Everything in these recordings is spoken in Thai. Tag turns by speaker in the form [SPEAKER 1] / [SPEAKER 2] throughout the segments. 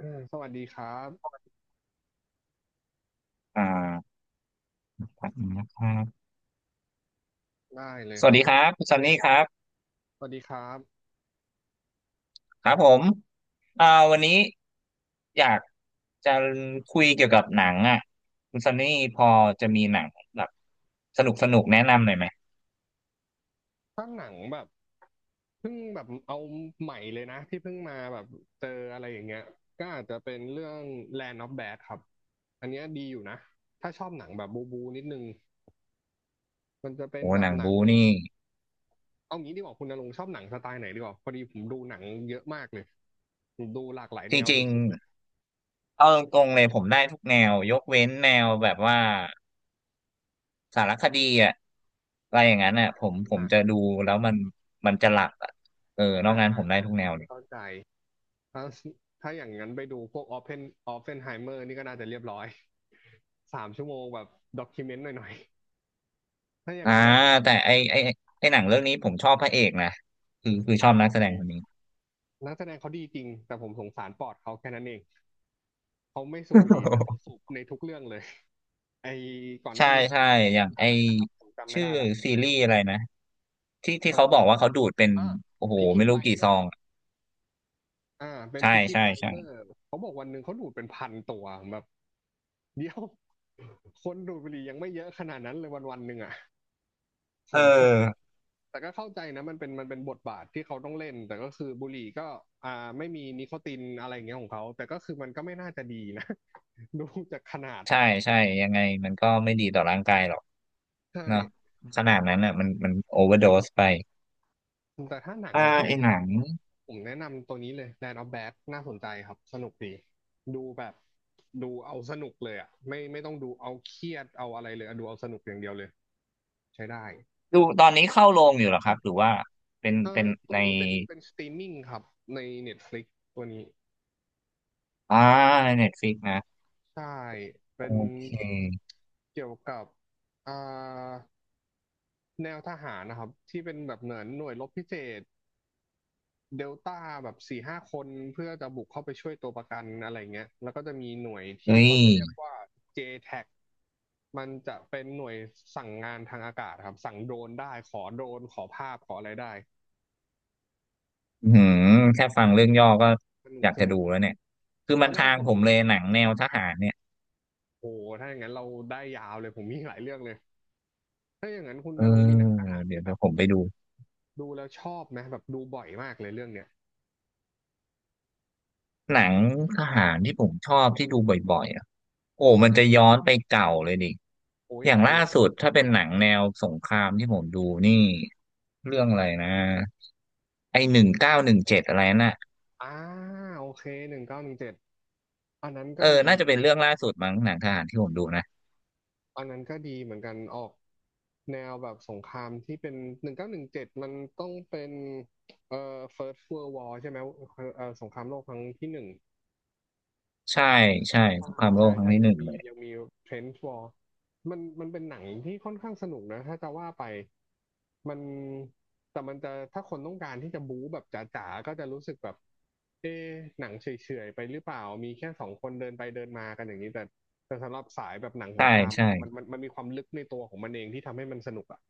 [SPEAKER 1] สวัสดีครับ
[SPEAKER 2] อ่าครับนงนะครับ
[SPEAKER 1] ได้เลย
[SPEAKER 2] ส
[SPEAKER 1] ค
[SPEAKER 2] วัส
[SPEAKER 1] รับ
[SPEAKER 2] ดี
[SPEAKER 1] ผ
[SPEAKER 2] ค
[SPEAKER 1] ม
[SPEAKER 2] รับคุณซันนี่ครับ
[SPEAKER 1] สวัสดีครับ
[SPEAKER 2] ครับผมอ่าวันนี้อยากจะคุยเกี่ยวกับหนังอ่ะคุณซันนี่พอจะมีหนังแบบสนุกแนะนำหน่อยไหม
[SPEAKER 1] ถ้าหนังแบบเพิ่งแบบเอาใหม่เลยนะที่เพิ่งมาแบบเจออะไรอย่างเงี้ยก็อาจจะเป็นเรื่อง Land of Bad ครับ อันเนี้ยดีอยู่นะ ถ้าชอบหนังแบบบูบูนิดนึงมันจะเป็น
[SPEAKER 2] โอ้
[SPEAKER 1] แบ
[SPEAKER 2] ห
[SPEAKER 1] บ
[SPEAKER 2] นัง
[SPEAKER 1] หนั
[SPEAKER 2] บู
[SPEAKER 1] ง
[SPEAKER 2] นี่
[SPEAKER 1] เอางี้ดีกว่าคุณณรงค์ชอบหนังสไตล์ไหนดีกว่าพอดีผมดูหนังเยอะมากเลยผมดูหลากหลาย
[SPEAKER 2] จ
[SPEAKER 1] แนว
[SPEAKER 2] ริง
[SPEAKER 1] สุดๆเลย
[SPEAKER 2] ๆเอาตรงๆเลยผมได้ทุกแนวยกเว้นแนวแบบว่าสารคดีอ่ะอะไรอย่างนั้นอ่ะผมผ
[SPEAKER 1] อ
[SPEAKER 2] มจะ
[SPEAKER 1] ่
[SPEAKER 2] ดูแล้วมันจะหลับอ่ะเออนอ
[SPEAKER 1] ะ
[SPEAKER 2] กนั้น
[SPEAKER 1] อ่ะ
[SPEAKER 2] ผมได้ทุกแนวเลย
[SPEAKER 1] เข้าใจ ถ้าถ้าอย่างนั้นไปดูพวกออฟเฟนไฮเมอร์นี่ก็น่าจะเรียบร้อย 3 ชั่วโมงแบบด็อกิเมนต์หน่อยๆถ้าอย่าง
[SPEAKER 2] อ่า
[SPEAKER 1] นั้นอ่ะ
[SPEAKER 2] แต่ไอหนังเรื่องนี้ผมชอบพระเอกนะคือชอ
[SPEAKER 1] อ่า
[SPEAKER 2] บนั
[SPEAKER 1] โอ
[SPEAKER 2] กแส
[SPEAKER 1] เค
[SPEAKER 2] ดงคนนี้
[SPEAKER 1] นักแสดงเขาดีจริงแต่ผมสงสารปอดเขาแค่นั้นเองเขาไม่สูบบุหรี่แต่ต้องสู บในทุกเรื่องเลย ไอ้ก่อนห
[SPEAKER 2] ใช่
[SPEAKER 1] น้านี้เขา
[SPEAKER 2] ใช่
[SPEAKER 1] เล่น
[SPEAKER 2] อย่างไอ
[SPEAKER 1] อะไรนะครับผมจำไม่
[SPEAKER 2] ชื่อ
[SPEAKER 1] ได้ละ
[SPEAKER 2] ซีรีส์อะไรนะที่
[SPEAKER 1] เอ
[SPEAKER 2] เขาบอก
[SPEAKER 1] อ
[SPEAKER 2] ว่าเขาดูดเป็น
[SPEAKER 1] อ่า
[SPEAKER 2] โอ้โห
[SPEAKER 1] พิกกี้
[SPEAKER 2] ไม่
[SPEAKER 1] ไบ
[SPEAKER 2] รู้
[SPEAKER 1] ล
[SPEAKER 2] กี่
[SPEAKER 1] เด
[SPEAKER 2] ซ
[SPEAKER 1] อ
[SPEAKER 2] อง
[SPEAKER 1] ร์
[SPEAKER 2] อะ
[SPEAKER 1] อ่าเป็น
[SPEAKER 2] ใช่
[SPEAKER 1] พิกกี้
[SPEAKER 2] ใช่
[SPEAKER 1] ไบล
[SPEAKER 2] ใช่
[SPEAKER 1] เดอร์เขาบอกวันหนึ่งเขาดูดเป็นพันตัวแบบ เดียวคนดูดบุหรี่ยังไม่เยอะขนาดนั้นเลยวันวันหนึ่งอ่ะ ผ
[SPEAKER 2] เอ
[SPEAKER 1] มแบบ
[SPEAKER 2] อ
[SPEAKER 1] แต่ก็เข้าใจนะมันเป็นบทบาทที่เขาต้องเล่นแต่ก็คือบุหรี่ก็ไม่มีนิโคตินอะไรอย่างเงี้ยของเขาแต่ก็คือมันก็ไม่น่าจะดีนะ ดูจากขนาด
[SPEAKER 2] ใช่ใช่ยังไงมันก็ไม่ดีต่อร่างกายหรอก
[SPEAKER 1] ใช่
[SPEAKER 2] เนาะขนาดนั้นอ่ะมันโอเวอร์โดสไป
[SPEAKER 1] แต่ถ้าหนังมาช่ว
[SPEAKER 2] ไอ
[SPEAKER 1] งเนี้
[SPEAKER 2] ห
[SPEAKER 1] ย
[SPEAKER 2] นัง
[SPEAKER 1] ผมแนะนำตัวนี้เลย Land of Bad น่าสนใจครับสนุกดีดูแบบดูเอาสนุกเลยอ่ะไม่ต้องดูเอาเครียดเอาอะไรเลยอะดูเอาสนุกอย่างเดียวเลยใช้ได้
[SPEAKER 2] ดูตอนนี้เข้าโรงอยู่เหรอครับหรือว่าเป็น
[SPEAKER 1] เอ่
[SPEAKER 2] เป็
[SPEAKER 1] อ
[SPEAKER 2] น
[SPEAKER 1] ตั
[SPEAKER 2] ใน
[SPEAKER 1] วนี้เป็นสตรีมมิ่งครับใน Netflix ตัวนี้
[SPEAKER 2] อ่าในเน็ตฟลิกนะ
[SPEAKER 1] ใช่
[SPEAKER 2] โอ
[SPEAKER 1] เป็น
[SPEAKER 2] เค
[SPEAKER 1] เกี่ยวกับอ่าแนวทหารนะครับที่เป็นแบบเหมือนหน่วยรบพิเศษเดลต้าแบบ4-5 คนเพื่อจะบุกเข้าไปช่วยตัวประกันอะไรเงี้ยแล้วก็จะมีหน่วยที่
[SPEAKER 2] เฮ้ย
[SPEAKER 1] เขาจะเรียกว่า JTAC มันจะเป็นหน่วยสั่งงานทางอากาศครับสั่งโดรนได้ขอโดรนขอภาพขออะไรได้
[SPEAKER 2] อืมแค่ฟังเรื่องย่อก็
[SPEAKER 1] สนุ
[SPEAKER 2] อ
[SPEAKER 1] ก
[SPEAKER 2] ยาก
[SPEAKER 1] ส
[SPEAKER 2] จะ
[SPEAKER 1] นุก
[SPEAKER 2] ดูแล้วเนี่ยคือ
[SPEAKER 1] ต
[SPEAKER 2] มั
[SPEAKER 1] อ
[SPEAKER 2] น
[SPEAKER 1] นแร
[SPEAKER 2] ทา
[SPEAKER 1] ก
[SPEAKER 2] ง
[SPEAKER 1] ผ
[SPEAKER 2] ผ
[SPEAKER 1] ม
[SPEAKER 2] มเลยหนังแนวทหารเนี่ย
[SPEAKER 1] โอ้โหถ้าอย่างนั้นเราได้ยาวเลยผมมีหลายเรื่องเลยถ้าอย่างนั้นคุณ
[SPEAKER 2] เอ
[SPEAKER 1] ณ
[SPEAKER 2] อ
[SPEAKER 1] รงค์มีหนังทหาร
[SPEAKER 2] เดี๋ย
[SPEAKER 1] ที่
[SPEAKER 2] ว
[SPEAKER 1] แบ
[SPEAKER 2] เดี๋ย
[SPEAKER 1] บ
[SPEAKER 2] วผมไปดู
[SPEAKER 1] ดูแล้วชอบไหมแบบดูบ่อยมากเลยเรื่องเนี้ย
[SPEAKER 2] หนังทหารที่ผมชอบที่ดูบ่อยๆอ่ะโอ้มันจะย้อนไปเก่าเลยดิ
[SPEAKER 1] โอ้ย
[SPEAKER 2] อย่าง
[SPEAKER 1] ได้
[SPEAKER 2] ล่า
[SPEAKER 1] เลย
[SPEAKER 2] สุดถ้าเป็นหนังแนวสงครามที่ผมดูนี่เรื่องอะไรนะไอ1917อะไรน่ะ
[SPEAKER 1] อ่าโอเคหนึ่งเก้าหนึ่งเจ็ดอันนั้น
[SPEAKER 2] เอ
[SPEAKER 1] ก็
[SPEAKER 2] อ
[SPEAKER 1] ดี
[SPEAKER 2] น่าจะเป็นเรื่องล่าสุดมั้งหนังทหารที่ผมดูนะ
[SPEAKER 1] อันนั้นก็ดีเหมือนกันออกแนวแบบสงครามที่เป็นหนึ่งเก้าหนึ่งเจ็ดมันต้องเป็นเอ่อ First World War ใช่ไหมสงครามโลกครั้งที่หนึ่ง
[SPEAKER 2] ใช่ใช่ส
[SPEAKER 1] ใช่
[SPEAKER 2] งครามโล
[SPEAKER 1] ใช่
[SPEAKER 2] กครั้ง
[SPEAKER 1] ใช่
[SPEAKER 2] ที่ห
[SPEAKER 1] ยัง
[SPEAKER 2] นึ่ง
[SPEAKER 1] มี
[SPEAKER 2] เลย
[SPEAKER 1] ยังมี Trench War มันเป็นหนังที่ค่อนข้างสนุกนะถ้าจะว่าไปมันแต่มันจะถ้าคนต้องการที่จะบู๊แบบจ๋าๆก็จะรู้สึกแบบเอ๊ะหนังเฉยๆไปหรือเปล่ามีแค่2 คนเดินไปเดินมากันอย่างนี้แต่แต่สำหรับสายแบบหนังส
[SPEAKER 2] ใช่
[SPEAKER 1] งคราม
[SPEAKER 2] ใช่
[SPEAKER 1] มันมีความลึกในตัวของมันเองที่ทำให้มันสนุกอ่ะ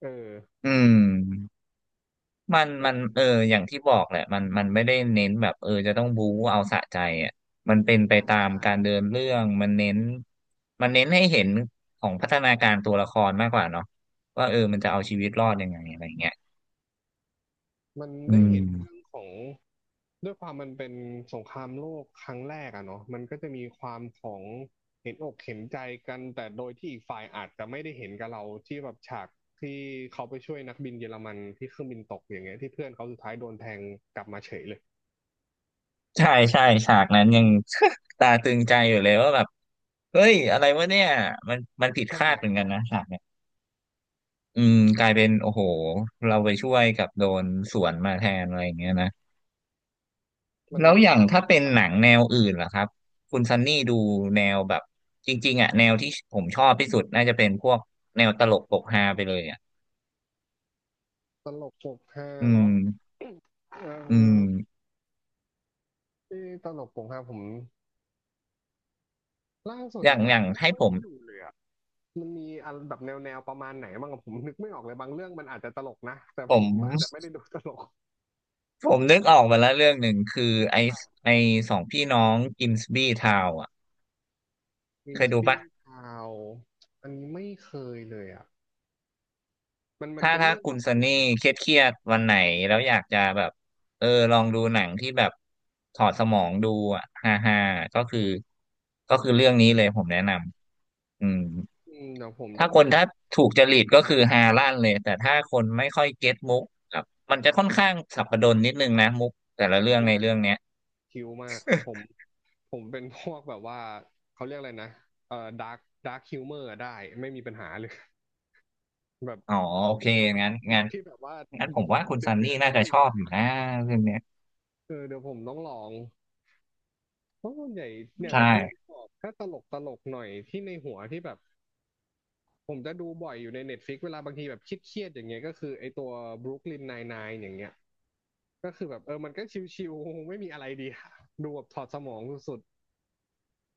[SPEAKER 1] เออ
[SPEAKER 2] อืม มัน
[SPEAKER 1] เป็
[SPEAKER 2] มั
[SPEAKER 1] น
[SPEAKER 2] นเอออย่างที่บอกแหละมันไม่ได้เน้นแบบเออจะต้องบู๊เอาสะใจอ่ะมันเป็นไป
[SPEAKER 1] ใช่
[SPEAKER 2] ตาม
[SPEAKER 1] ใช่
[SPEAKER 2] การเดินเรื่องมันเน้นมันเน้นให้เห็นของพัฒนาการตัวละครมากกว่าเนาะว่าเออมันจะเอาชีวิตรอดยังไงอะไรเงี้ย
[SPEAKER 1] มัน
[SPEAKER 2] อื
[SPEAKER 1] ได้เห็นเรื่อง
[SPEAKER 2] ม
[SPEAKER 1] ของด้วยความมันเป็นสงครามโลกครั้งแรกอะเนาะมันก็จะมีความของเห็นอกเห็นใจกันแต่โดยที่อีกฝ่ายอาจจะไม่ได้เห็นกับเราที่แบบฉากที่เขาไปช่วยนักบินเยอรมันที่เครื่องบินตกอย่างเงี้ยที่เพื่อนเขาสุดท้ายโดนแทงกลับมาเฉยเลย
[SPEAKER 2] ใช่ใช่ฉากนั้นยัง ตาตึงใจอยู่เลยว่าแบบเฮ้ยอะไรวะเนี่ยมันผิด
[SPEAKER 1] ใช่
[SPEAKER 2] คาดเหมือนกันนะฉากเนี่ยอืมกลายเป็นโอ้โหเราไปช่วยกับโดนสวนมาแทนอะไรอย่างเงี้ยนะ
[SPEAKER 1] มัน
[SPEAKER 2] แล้ว
[SPEAKER 1] แบบ
[SPEAKER 2] อย่างถ้า
[SPEAKER 1] น่าส
[SPEAKER 2] เป็
[SPEAKER 1] ง
[SPEAKER 2] น
[SPEAKER 1] สา
[SPEAKER 2] ห
[SPEAKER 1] ร
[SPEAKER 2] นัง
[SPEAKER 1] นะ
[SPEAKER 2] แนวอื่นล่ะครับคุณซันนี่ดูแนวแบบจริงๆอ่ะแนวที่ผมชอบที่สุดน่าจะเป็นพวกแนวตลกปกฮาไปเลยอ่ะ
[SPEAKER 1] ตลกปกฮา
[SPEAKER 2] อื
[SPEAKER 1] เหรอ
[SPEAKER 2] ม
[SPEAKER 1] เอ่
[SPEAKER 2] อืม
[SPEAKER 1] อที่ตลกปกฮาผมล่าสุด
[SPEAKER 2] อย่าง
[SPEAKER 1] ห
[SPEAKER 2] อ
[SPEAKER 1] ลัง
[SPEAKER 2] ย่าง
[SPEAKER 1] ๆไม่
[SPEAKER 2] ให้
[SPEAKER 1] ค่อย
[SPEAKER 2] ผม
[SPEAKER 1] ได้ดูเลยอะ มันมีอันแบบแนวประมาณไหนบ้างอะผมนึกไม่ออกเลยบางเรื่องมันอาจจะตลกนะแต่
[SPEAKER 2] ผ
[SPEAKER 1] ผ
[SPEAKER 2] ม
[SPEAKER 1] มอาจจะไม่ได้ดูตลก
[SPEAKER 2] ผมนึกออกมาแล้วเรื่องหนึ่งคือไอไอสองพี่น้องกิมสบีทาวอ่ะ
[SPEAKER 1] วิ
[SPEAKER 2] เค
[SPEAKER 1] น
[SPEAKER 2] ย
[SPEAKER 1] ส
[SPEAKER 2] ดู
[SPEAKER 1] ปี
[SPEAKER 2] ปะ
[SPEAKER 1] กาวอันนี้ไม่เคยเลยอ่ะมันมัน
[SPEAKER 2] ถ้า
[SPEAKER 1] เป็น
[SPEAKER 2] ถ้า
[SPEAKER 1] เรื่อง
[SPEAKER 2] คุ
[SPEAKER 1] ป
[SPEAKER 2] ณ
[SPEAKER 1] ระมา
[SPEAKER 2] ซั
[SPEAKER 1] ณ
[SPEAKER 2] น
[SPEAKER 1] ไหน
[SPEAKER 2] นี่
[SPEAKER 1] ครับ
[SPEAKER 2] เครียดวันไหนแล้วอยากจะแบบเออลองดูหนังที่แบบถอดสมองดูอ่ะฮ่าฮ่าก็คือก็คือเรื่องนี้เลยผมแนะนำอืม
[SPEAKER 1] อืมเดี๋ยวผมต้อ
[SPEAKER 2] ถ้า
[SPEAKER 1] ง
[SPEAKER 2] ค
[SPEAKER 1] ไป
[SPEAKER 2] น
[SPEAKER 1] ลอ
[SPEAKER 2] ถ้า
[SPEAKER 1] ง
[SPEAKER 2] ถูกจริตก็คือฮาลั่นเลยแต่ถ้าคนไม่ค่อยเก็ตมุกครับมันจะค่อนข้างสับปะรดนิดนึงนะมุกแต่ละเรื่อง
[SPEAKER 1] อุ้ย
[SPEAKER 2] ในเรื่องเนี้ย
[SPEAKER 1] คิวมากผมผมเป็นพวกแบบว่าเขาเรียกอะไรนะเอ่อดาร์กดาร์คฮิวเมอร์ได้ไม่มีปัญหาเลยแบบ
[SPEAKER 2] อ๋อโอเคงั้น
[SPEAKER 1] มุ
[SPEAKER 2] งั้
[SPEAKER 1] ก
[SPEAKER 2] น
[SPEAKER 1] ที่แบบว่า
[SPEAKER 2] งั้นผมว่าคุณ
[SPEAKER 1] เดื
[SPEAKER 2] ซั
[SPEAKER 1] อด
[SPEAKER 2] น
[SPEAKER 1] เดื
[SPEAKER 2] นี่
[SPEAKER 1] อดอะ
[SPEAKER 2] น่า
[SPEAKER 1] ไม่
[SPEAKER 2] จะ
[SPEAKER 1] มี
[SPEAKER 2] ชอ
[SPEAKER 1] ปัญ
[SPEAKER 2] บอยู่
[SPEAKER 1] หา
[SPEAKER 2] นะเรื่องเนี้ย
[SPEAKER 1] เออเดี๋ยวผมต้องลองเพราะส่วนใหญ่เนี่ยผ
[SPEAKER 2] ใช่
[SPEAKER 1] มเพิ่งบอกถ้าตลกตลกหน่อยที่ในหัวที่แบบ ผมจะดูบ่อยอยู่ใน Netflix เวลาบางทีแบบเครียดๆอย่างเงี้ยก็คือไอตัว Brooklyn Nine-Nine อย่างเงี้ยก็คือแบบเออมันก็ชิวๆไม่มีอะไรดีอะดูแบบถอดสมองสุด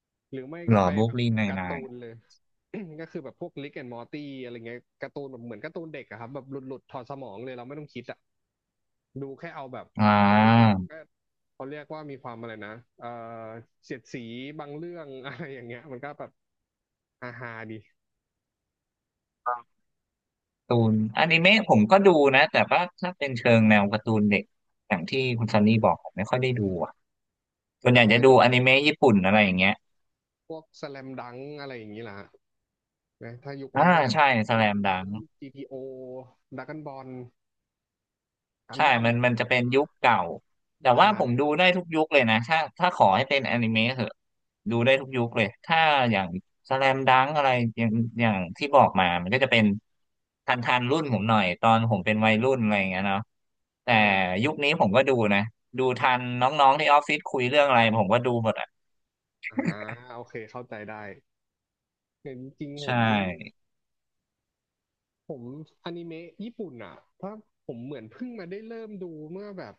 [SPEAKER 1] ๆหรือไม่
[SPEAKER 2] หร
[SPEAKER 1] ก็
[SPEAKER 2] อ
[SPEAKER 1] ไป
[SPEAKER 2] บุ๊
[SPEAKER 1] แบ
[SPEAKER 2] ก
[SPEAKER 1] บ
[SPEAKER 2] ลีนไนน์
[SPEAKER 1] กา
[SPEAKER 2] ไน
[SPEAKER 1] ร์ตู
[SPEAKER 2] น์
[SPEAKER 1] นเลย ก็คือแบบพวก Rick and Morty อะไรเงี้ยการ์ตูนแบบเหมือนการ์ตูนเด็กอะครับแบบหลุดๆถอดสมองเลยเราไม่ต้องคิดอะดูแค่เอาแบบ
[SPEAKER 2] อ่
[SPEAKER 1] บางทีมัน
[SPEAKER 2] า
[SPEAKER 1] ก็เขาเรียกว่ามีความอะไรนะเออเสียดสีบางเรื่อง อะไรอย่างเงี้ยมันก็แบบฮาๆดี
[SPEAKER 2] ตูนอนิเมะผมก็ดูนะแต่ว่าถ้าเป็นเชิงแนวการ์ตูนเด็กอย่างที่คุณซันนี่บอกผมไม่ค่อยได้ดูอ่ะส่วนใหญ่จะ
[SPEAKER 1] อัน
[SPEAKER 2] ดู
[SPEAKER 1] นี้
[SPEAKER 2] อนิเมะญี่ปุ่นอะไรอย่างเงี้ย
[SPEAKER 1] พวกสแลมดังอะไรอย่างงี้ล่ะ นะถ้ายุค
[SPEAKER 2] อ่า
[SPEAKER 1] นั้นแสลม
[SPEAKER 2] ใช่ส
[SPEAKER 1] แส
[SPEAKER 2] แล
[SPEAKER 1] ลม
[SPEAKER 2] มดั
[SPEAKER 1] ดัง
[SPEAKER 2] ง
[SPEAKER 1] GTO ดราก้อนบอลกัน
[SPEAKER 2] ใช่
[SPEAKER 1] ดั้ม
[SPEAKER 2] มันมันจะเป็นยุคเก่าแต่
[SPEAKER 1] ใ
[SPEAKER 2] ว่าผม
[SPEAKER 1] ช่
[SPEAKER 2] ดูได้ทุกยุคเลยนะ ถ้าถ้าขอให้เป็นอนิเมะเหอะดูได้ทุกยุคเลย ถ้าอย่างสแลมดังอะไรอย่างอย่างที่บอกมามันก็จะเป็นทันรุ่นผมหน่อยตอนผมเป็นวัยรุ่นอะไรอย่างเงี้ยเนาะแต่
[SPEAKER 1] อ่า
[SPEAKER 2] ยุคนี้ผมก็ดูนะ ดูทันน้องๆที่ออฟฟิศคุยเรื่องอะไรผมก็ดูหมดอ่ะ
[SPEAKER 1] อ่าฮะโอเค เข้าใจได้แต่จริงๆผ
[SPEAKER 2] ใช
[SPEAKER 1] ม
[SPEAKER 2] ่
[SPEAKER 1] ผมอนิเมะญี่ปุ่นอ่ะเพราะผมเหมือนเพิ่งมาได้เริ่มดูเมื่อแบบ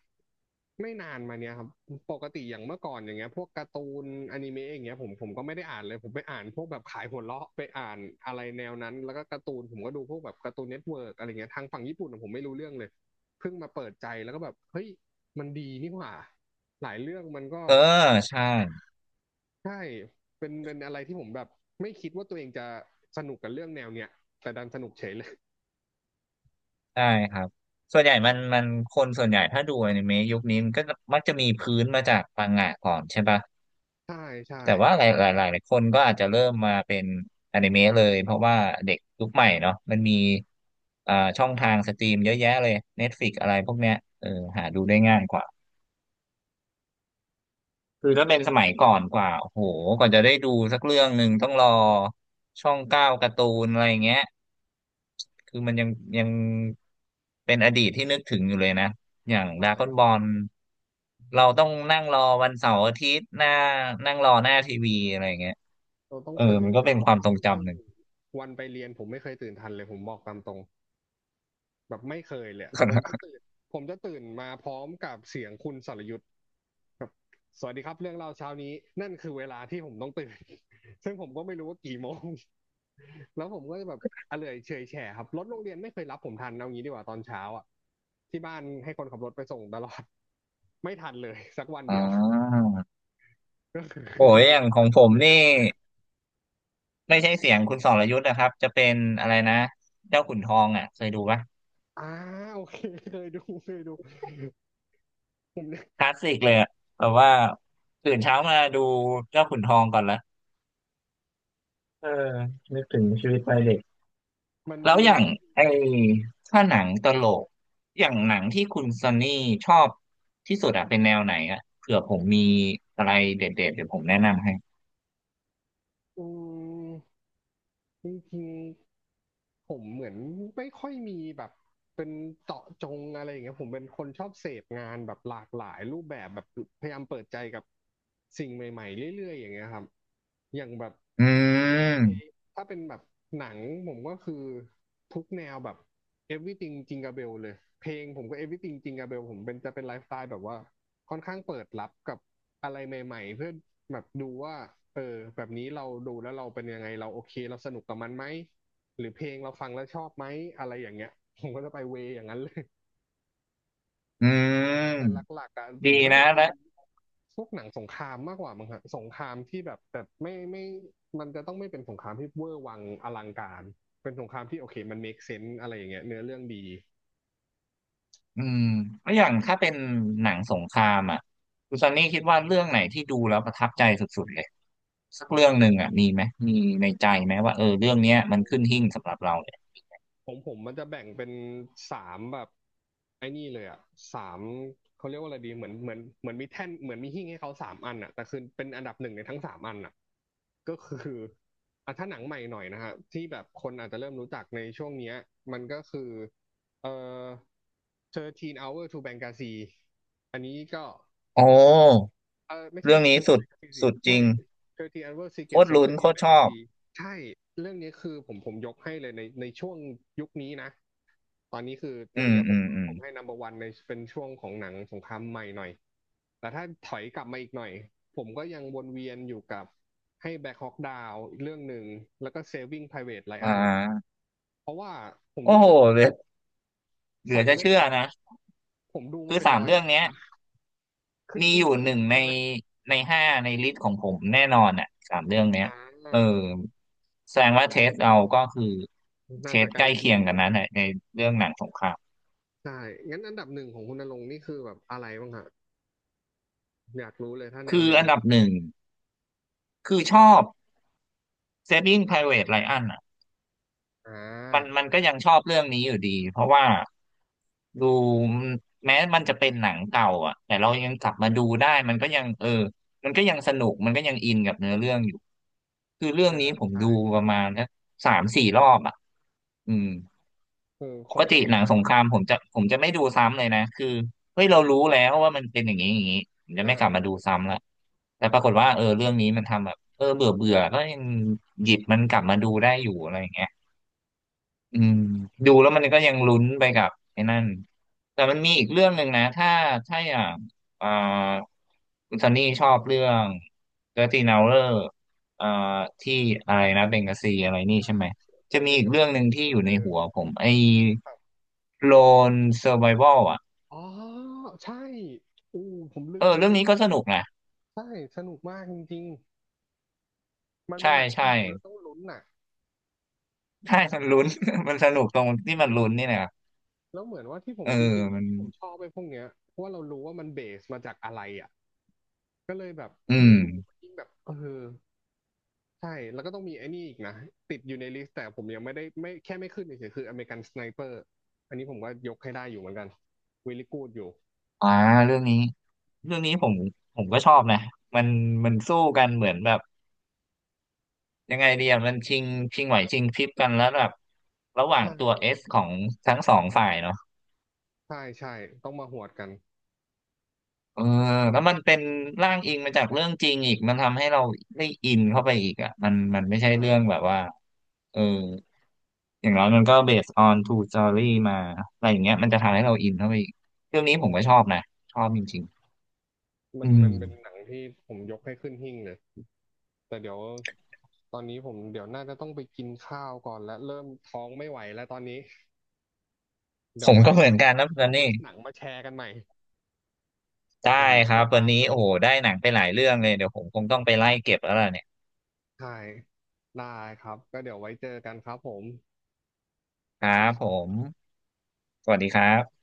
[SPEAKER 1] ไม่นานมาเนี้ยครับปกติอย่างเมื่อก่อนอย่างเงี้ยพวกการ์ตูนอนิเมะอย่างเงี้ยผมก็ไม่ได้อ่านเลยผมไปอ่านพวกแบบขายหัวเราะไปอ่านอะไรแนวนั้นแล้วก็การ์ตูนผมก็ดูพวกแบบการ์ตูนเน็ตเวิร์กอะไรเงี้ยทางฝั่งญี่ปุ่นอะผมไม่รู้เรื่องเลยเพิ่งมาเปิดใจแล้วก็แบบเฮ้ยมันดีนี่หว่าหลายเรื่องมันก็
[SPEAKER 2] เออใช่
[SPEAKER 1] ใช่เป็นเป็นอะไรที่ผมแบบไม่คิดว่าตัวเองจะสนุกกับเรื่องแนวเนี้ยแต่ดันสนุกเฉยเลย
[SPEAKER 2] ใช่ครับส่วนใหญ่มันคนส่วนใหญ่ถ้าดูอนิเมะยุคนี้มันก็มักจะมีพื้นมาจากมังงะก่อนใช่ปะ
[SPEAKER 1] ใช่ใช่
[SPEAKER 2] แต่ว่าหลายคนก็อาจจะเริ่มมาเป็นอนิเมะเลยเพราะว่าเด็กยุคใหม่เนาะมันมีช่องทางสตรีมเยอะแยะเลย Netflix อะไรพวกเนี้ยเออหาดูได้ง่ายกว่าคือถ้าเป็นสมัยก่อนกว่าโอ้โหก่อนจะได้ดูสักเรื่องหนึ่งต้องรอช่องเก้าการ์ตูนอะไรเงี้ยคือมันยังเป็นอดีตที่นึกถึงอยู่เลยนะอย่างด
[SPEAKER 1] ใช่
[SPEAKER 2] ราก้อนบอลเราต้องนั่งรอวันเสาร์อาทิตย์หน้านั่งรอหน้าทีวีอะไรเงี้ย
[SPEAKER 1] เราต้อง
[SPEAKER 2] เออ
[SPEAKER 1] ตื่น
[SPEAKER 2] มันก็เป็
[SPEAKER 1] เช้า
[SPEAKER 2] นค
[SPEAKER 1] มา
[SPEAKER 2] วาม
[SPEAKER 1] ดู
[SPEAKER 2] ทรง
[SPEAKER 1] ซึ่ง
[SPEAKER 2] จำหนึ่ง
[SPEAKER 1] วันไปเรียนผมไม่เคยตื่นทันเลยผมบอกตามตรงแบบไม่เคยเลยอะผมจะตื่นผมจะตื่นมาพร้อมกับเสียงคุณสรยุทธแบบสวัสดีครับเรื่องเล่าเช้านี้นั่นคือเวลาที่ผมต้องตื่น ซึ่งผมก็ไม่รู้ว่ากี่โมง แล้วผมก็จะแบบอะเลอยเฉยแฉะครับรถโรงเรียนไม่เคยรับผมทันเอางี้ดีกว่าตอนเช้าอ่ะที่บ้านให้คนขับรถไปส่งตลอด ไม่ทันเลยสักวัน
[SPEAKER 2] อ่
[SPEAKER 1] เดียว
[SPEAKER 2] า
[SPEAKER 1] ก็คื
[SPEAKER 2] โอ้ยอย่างของผม
[SPEAKER 1] อ
[SPEAKER 2] นี่ ไม่ใช่เสียงคุณสรยุทธ์นะครับจะเป็นอะไรนะเจ้าขุนทองอ่ะเคยดูปะ
[SPEAKER 1] อ่า โอเคเคยดูเคยดูผมเนี่ย
[SPEAKER 2] คลาสสิกเลยอะแบบว่าตื่นเช้ามาดูเจ้าขุนทองก่อนละเออนึกถึงชีวิตวัยเด็ก
[SPEAKER 1] มัน
[SPEAKER 2] แล้
[SPEAKER 1] จะ
[SPEAKER 2] ว
[SPEAKER 1] มี
[SPEAKER 2] อย่างไอ้ถ้าหนังตลกอย่างหนังที่คุณซันนี่ชอบที่สุดอะเป็นแนวไหนอะเผื่อผมมีอะไรเด็ดๆเดี๋ยวผมแนะนำให้
[SPEAKER 1] อืมจริงๆผมเหมือนไม่ค่อยมีแบบเป็นเจาะจงอะไรอย่างเงี้ยผมเป็นคนชอบเสพงานแบบหลากหลายรูปแบบแบบพยายามเปิดใจกับสิ่งใหม่ๆเรื่อยๆอย่างเงี้ยครับอย่างแบบ
[SPEAKER 2] อืม
[SPEAKER 1] ถ้าเป็นแบบหนังผมก็คือทุกแนวแบบ everything จิงกาเบลเลยเพลงผมก็ everything จิงกาเบลผมเป็นจะเป็นไลฟ์สไตล์แบบว่าค่อนข้างเปิดรับกับอะไรใหม่ๆเพื่อแบบดูว่าเออแบบนี้เราดูแล้วเราเป็นยังไงเราโอเคเราสนุกกับมันไหมหรือเพลงเราฟังแล้วชอบไหมอะไรอย่างเงี้ยผมก็จะไปเวยอย่างนั้นเลย
[SPEAKER 2] อืม
[SPEAKER 1] แต่หลักๆอ่ะผ
[SPEAKER 2] ดี
[SPEAKER 1] มก็
[SPEAKER 2] นะ
[SPEAKER 1] จะอินพวกหนังสงครามมากกว่ามั้งฮะสงครามที่แบบแต่ไม่มันจะต้องไม่เป็นสงครามที่เวอร์วังอลังการเป็นสงครามที่โอเคมัน make sense อะไรอย่างเงี้ยเนื้อเรื่องดี
[SPEAKER 2] อืมแล้วอย่างถ้าเป็นหนังสงครามอ่ะคุณซันนี่คิดว่าเรื่องไหนที่ดูแล้วประทับใจสุดๆเลยสักเรื่องหนึ่งอ่ะมีไหม มีในใจไหมว่าเออเรื่องเนี้ยมันขึ้นหิ้งสำหรับเราเลย
[SPEAKER 1] ของผมมันจะแบ่งเป็นสามแบบไอ้นี่เลยอ่ะสามเขาเรียกว่าอะไรดีเหมือนเหมือนเหมือนมีแท่นเหมือนมีหิ้งให้เขาสามอันอ่ะแต่คือเป็นอันดับหนึ่งในทั้งสามอันอ่ะก็คืออ่ะถ้าหนังใหม่หน่อยนะฮะที่แบบคนอาจจะเริ่มรู้จักในช่วงเนี้ยมันก็คือเอ่อ13 Hours to Benghazi อันนี้ก็
[SPEAKER 2] โอ้
[SPEAKER 1] เออไม่ใช่
[SPEAKER 2] เรื่อง
[SPEAKER 1] เซ
[SPEAKER 2] นี้
[SPEAKER 1] อร์
[SPEAKER 2] สุ
[SPEAKER 1] แบ
[SPEAKER 2] ด
[SPEAKER 1] งกาซีสิ
[SPEAKER 2] สุดจริ
[SPEAKER 1] ใช่
[SPEAKER 2] ง
[SPEAKER 1] เทอทีอันเวอร์ซีเก
[SPEAKER 2] โค
[SPEAKER 1] ต
[SPEAKER 2] ตร
[SPEAKER 1] โซล
[SPEAKER 2] ลุ้
[SPEAKER 1] เจ
[SPEAKER 2] น
[SPEAKER 1] อร์อิ
[SPEAKER 2] โค
[SPEAKER 1] น
[SPEAKER 2] ตร
[SPEAKER 1] แบง
[SPEAKER 2] ช
[SPEAKER 1] กา
[SPEAKER 2] อบ
[SPEAKER 1] ซีใช่เรื่องนี้คือผมยกให้เลยในช่วงยุคนี้นะตอนนี้คือ
[SPEAKER 2] อื
[SPEAKER 1] เรื่อง
[SPEAKER 2] ม
[SPEAKER 1] เนี้ยผ
[SPEAKER 2] อื
[SPEAKER 1] ม
[SPEAKER 2] มอื
[SPEAKER 1] ผ
[SPEAKER 2] ม
[SPEAKER 1] มให้นัมเบอร์วันในเป็นช่วงของหนังสงครามใหม่หน่อยแต่ถ้าถอยกลับมาอีกหน่อยผมก็ยังวนเวียนอยู่กับให้แบ็คฮอกดาวอีกเรื่องหนึ่งแล้วก็ Saving Private
[SPEAKER 2] อ่
[SPEAKER 1] Ryan
[SPEAKER 2] า
[SPEAKER 1] เพราะว่าผม
[SPEAKER 2] โอ้
[SPEAKER 1] รู้
[SPEAKER 2] โห
[SPEAKER 1] สึก
[SPEAKER 2] เหลือเห
[SPEAKER 1] ส
[SPEAKER 2] ลือ
[SPEAKER 1] อง
[SPEAKER 2] จะ
[SPEAKER 1] เรื่อง
[SPEAKER 2] เชื่อ
[SPEAKER 1] เนี้ย
[SPEAKER 2] นะ
[SPEAKER 1] ผมดู
[SPEAKER 2] คื
[SPEAKER 1] มา
[SPEAKER 2] อ
[SPEAKER 1] เป็น
[SPEAKER 2] สาม
[SPEAKER 1] ร้อย
[SPEAKER 2] เรื่
[SPEAKER 1] ร
[SPEAKER 2] อง
[SPEAKER 1] อบ
[SPEAKER 2] เนี้ย
[SPEAKER 1] นะขึ้น
[SPEAKER 2] มีอ
[SPEAKER 1] หิ้ง
[SPEAKER 2] ยู่
[SPEAKER 1] เหมือน
[SPEAKER 2] หนึ่
[SPEAKER 1] กั
[SPEAKER 2] ง
[SPEAKER 1] น
[SPEAKER 2] ใน
[SPEAKER 1] ใช่ไหม
[SPEAKER 2] ในห้าในลิสต์ของผมแน่นอนอ่ะสามเรื่องเนี้ย
[SPEAKER 1] อ่า
[SPEAKER 2] เออแสดงว่าเทสเราก็คือเท
[SPEAKER 1] น่าจะ
[SPEAKER 2] ส
[SPEAKER 1] ใกล้
[SPEAKER 2] ใกล้
[SPEAKER 1] เคี
[SPEAKER 2] เคี
[SPEAKER 1] ยง
[SPEAKER 2] ยง
[SPEAKER 1] อ
[SPEAKER 2] กัน
[SPEAKER 1] ยู่
[SPEAKER 2] นั้นแหละในเรื่องหนังสงคราม
[SPEAKER 1] ใช่งั้นอันดับหนึ่งของคุณณรงค์นี่คือแบบอะไรบ้างฮะอยากรู้เลยถ้าแนว
[SPEAKER 2] คือ
[SPEAKER 1] แนว
[SPEAKER 2] อันดั
[SPEAKER 1] นี้
[SPEAKER 2] บหนึ่งคือชอบ Saving Private Ryan อ่ะ
[SPEAKER 1] อ่า
[SPEAKER 2] มันก็ยังชอบเรื่องนี้อยู่ดีเพราะว่าดูแม้มันจะเป็นหนังเก่าอ่ะแต่เรายังกลับมาดูได้มันก็ยังเออมันก็ยังสนุกมันก็ยังอินกับเนื้อเรื่องอยู่คือเรื่อง
[SPEAKER 1] อ่า
[SPEAKER 2] นี้ผม
[SPEAKER 1] ใช่
[SPEAKER 2] ดูประมาณนะสามสี่รอบอ่ะอืม
[SPEAKER 1] อืมข
[SPEAKER 2] ป
[SPEAKER 1] อง
[SPEAKER 2] ก
[SPEAKER 1] ผ
[SPEAKER 2] ติ
[SPEAKER 1] ม
[SPEAKER 2] หนังสงครามผมจะไม่ดูซ้ำเลยนะคือเฮ้ยเรารู้แล้วว่ามันเป็นอย่างนี้อย่างนี้ผมจะไม่กลับมา
[SPEAKER 1] อ่า
[SPEAKER 2] ดูซ้ำละแต่ปรากฏว่าเออเรื่องนี้มันทำแบบเออเบื่อเบื่อก็ยังหยิบมันกลับมาดูได้อยู่อะไรอย่างเงี้ย อืมดูแล้วมันก็ยังลุ้นไปกับไอ้นั่นแต่มันมีอีกเรื่องหนึ่งนะถ้าอย่างอ่าคุณซันนี่ชอบเรื่องเดอร์ตี้นาเลอร์อ่าที่อะไรนะเบงกาซีอะไรนี่
[SPEAKER 1] อ่า
[SPEAKER 2] ใช่ไหมจะ
[SPEAKER 1] จ
[SPEAKER 2] มี
[SPEAKER 1] ริง
[SPEAKER 2] อี
[SPEAKER 1] ๆ
[SPEAKER 2] ก
[SPEAKER 1] แล้ว
[SPEAKER 2] เรื่อ
[SPEAKER 1] เป็
[SPEAKER 2] ง
[SPEAKER 1] น
[SPEAKER 2] หนึ่ง
[SPEAKER 1] Secret
[SPEAKER 2] ที่อยู่ใน
[SPEAKER 1] Soldier
[SPEAKER 2] หัวผมไอ้
[SPEAKER 1] ครับ
[SPEAKER 2] โลนเซอร์ไ a วัลอ่ะ
[SPEAKER 1] อ๋อใช่อู้ผมลื
[SPEAKER 2] เออ
[SPEAKER 1] มไป
[SPEAKER 2] เรื่
[SPEAKER 1] เล
[SPEAKER 2] อง
[SPEAKER 1] ย
[SPEAKER 2] นี้ก็สนุกนะ
[SPEAKER 1] ใช่สนุกมากจริงๆมันเป็น
[SPEAKER 2] ใช่
[SPEAKER 1] หนัง
[SPEAKER 2] ใช่
[SPEAKER 1] ที่ดูแล้วต้องลุ้นน่ะ
[SPEAKER 2] ใช่มันลุ้น มันสนุกตรงที่
[SPEAKER 1] ใช่
[SPEAKER 2] มันลุ้นนี่แหละครับ
[SPEAKER 1] แล้วเหมือนว่าที่ผม
[SPEAKER 2] เออ
[SPEAKER 1] จริงๆอ่ะ
[SPEAKER 2] มัน
[SPEAKER 1] ที่ผมชอบไปพวกเนี้ยเพราะว่าเรารู้ว่ามันเบสมาจากอะไรอ่ะก็เลยแบบ
[SPEAKER 2] อืม
[SPEAKER 1] ยิ่งดูยิ่งแบบเออ ใช่แล้วก็ต้องมีไอ้นี่อีกนะติดอยู่ในลิสต์แต่ผมยังไม่ได้ไม่แค่ไม่ขึ้นเฉยๆคืออเมริกันสไนเปอร์อันนี้ผมก็ยกให้ได้อยู่เหมือนกันวิลลี่กูดอยู่
[SPEAKER 2] อ่าเรื่องนี้ เรื่องนี้ผมก็ชอบนะมันสู้กันเหมือนแบบยังไงดีอะมันชิงไหวชิงพริบกันแล้วแบบระหว่า
[SPEAKER 1] ใ
[SPEAKER 2] งตัวเอ
[SPEAKER 1] ช่
[SPEAKER 2] สของทั้งสองฝ่ายเนาะ
[SPEAKER 1] ใช่ใช่ต้องมาหวดกัน
[SPEAKER 2] เออแล้วมันเป็นร่างอิงมาจากเรื่องจริงอีกมันทำให้เราได้อินเข้าไปอีกอ่ะมันไม่ใช่
[SPEAKER 1] ใช่
[SPEAKER 2] เรื่องแบบว่าเอออย่างน้อยมันก็ based on true story มาอะไรอย่างเงี้ยมันจะทำให้เราอินเข้าไปอีกเรื่องนี้ผมก็ชอบนะชอบจริงๆ
[SPEAKER 1] มั
[SPEAKER 2] อื
[SPEAKER 1] น
[SPEAKER 2] ม
[SPEAKER 1] มันเป็นหนังที่ผมยกให้ขึ้นหิ้งเลยแต่เดี๋ยวตอนนี้ผมเดี๋ยวน่าจะต้องไปกินข้าวก่อนและเริ่มท้องไม่ไหวแล้วตอนนี้
[SPEAKER 2] ผ
[SPEAKER 1] เดี๋ยว
[SPEAKER 2] ม
[SPEAKER 1] ไว้
[SPEAKER 2] ก็เหมื
[SPEAKER 1] เรา
[SPEAKER 2] อนกันนะตอ
[SPEAKER 1] เอา
[SPEAKER 2] นนี้
[SPEAKER 1] ลิสต์หนังมาแชร์กันใหม่
[SPEAKER 2] ได้
[SPEAKER 1] เดี๋ยวผมต้อ
[SPEAKER 2] ค
[SPEAKER 1] งไป
[SPEAKER 2] รับวั
[SPEAKER 1] ตา
[SPEAKER 2] น
[SPEAKER 1] ม
[SPEAKER 2] นี้
[SPEAKER 1] ดู
[SPEAKER 2] โอ้โหได้หนังไปหลายเรื่องเลย เดี๋ยวผมคงต้องไปไล่เก็บแล้วล่ะเนี่ย
[SPEAKER 1] ใช่ได้ครับก็เดี๋ยวไว้เจอกันครับผมส
[SPEAKER 2] ค
[SPEAKER 1] วั
[SPEAKER 2] รั
[SPEAKER 1] สดี
[SPEAKER 2] บ
[SPEAKER 1] ค
[SPEAKER 2] ผ
[SPEAKER 1] รับ
[SPEAKER 2] ม สวัสดีครับ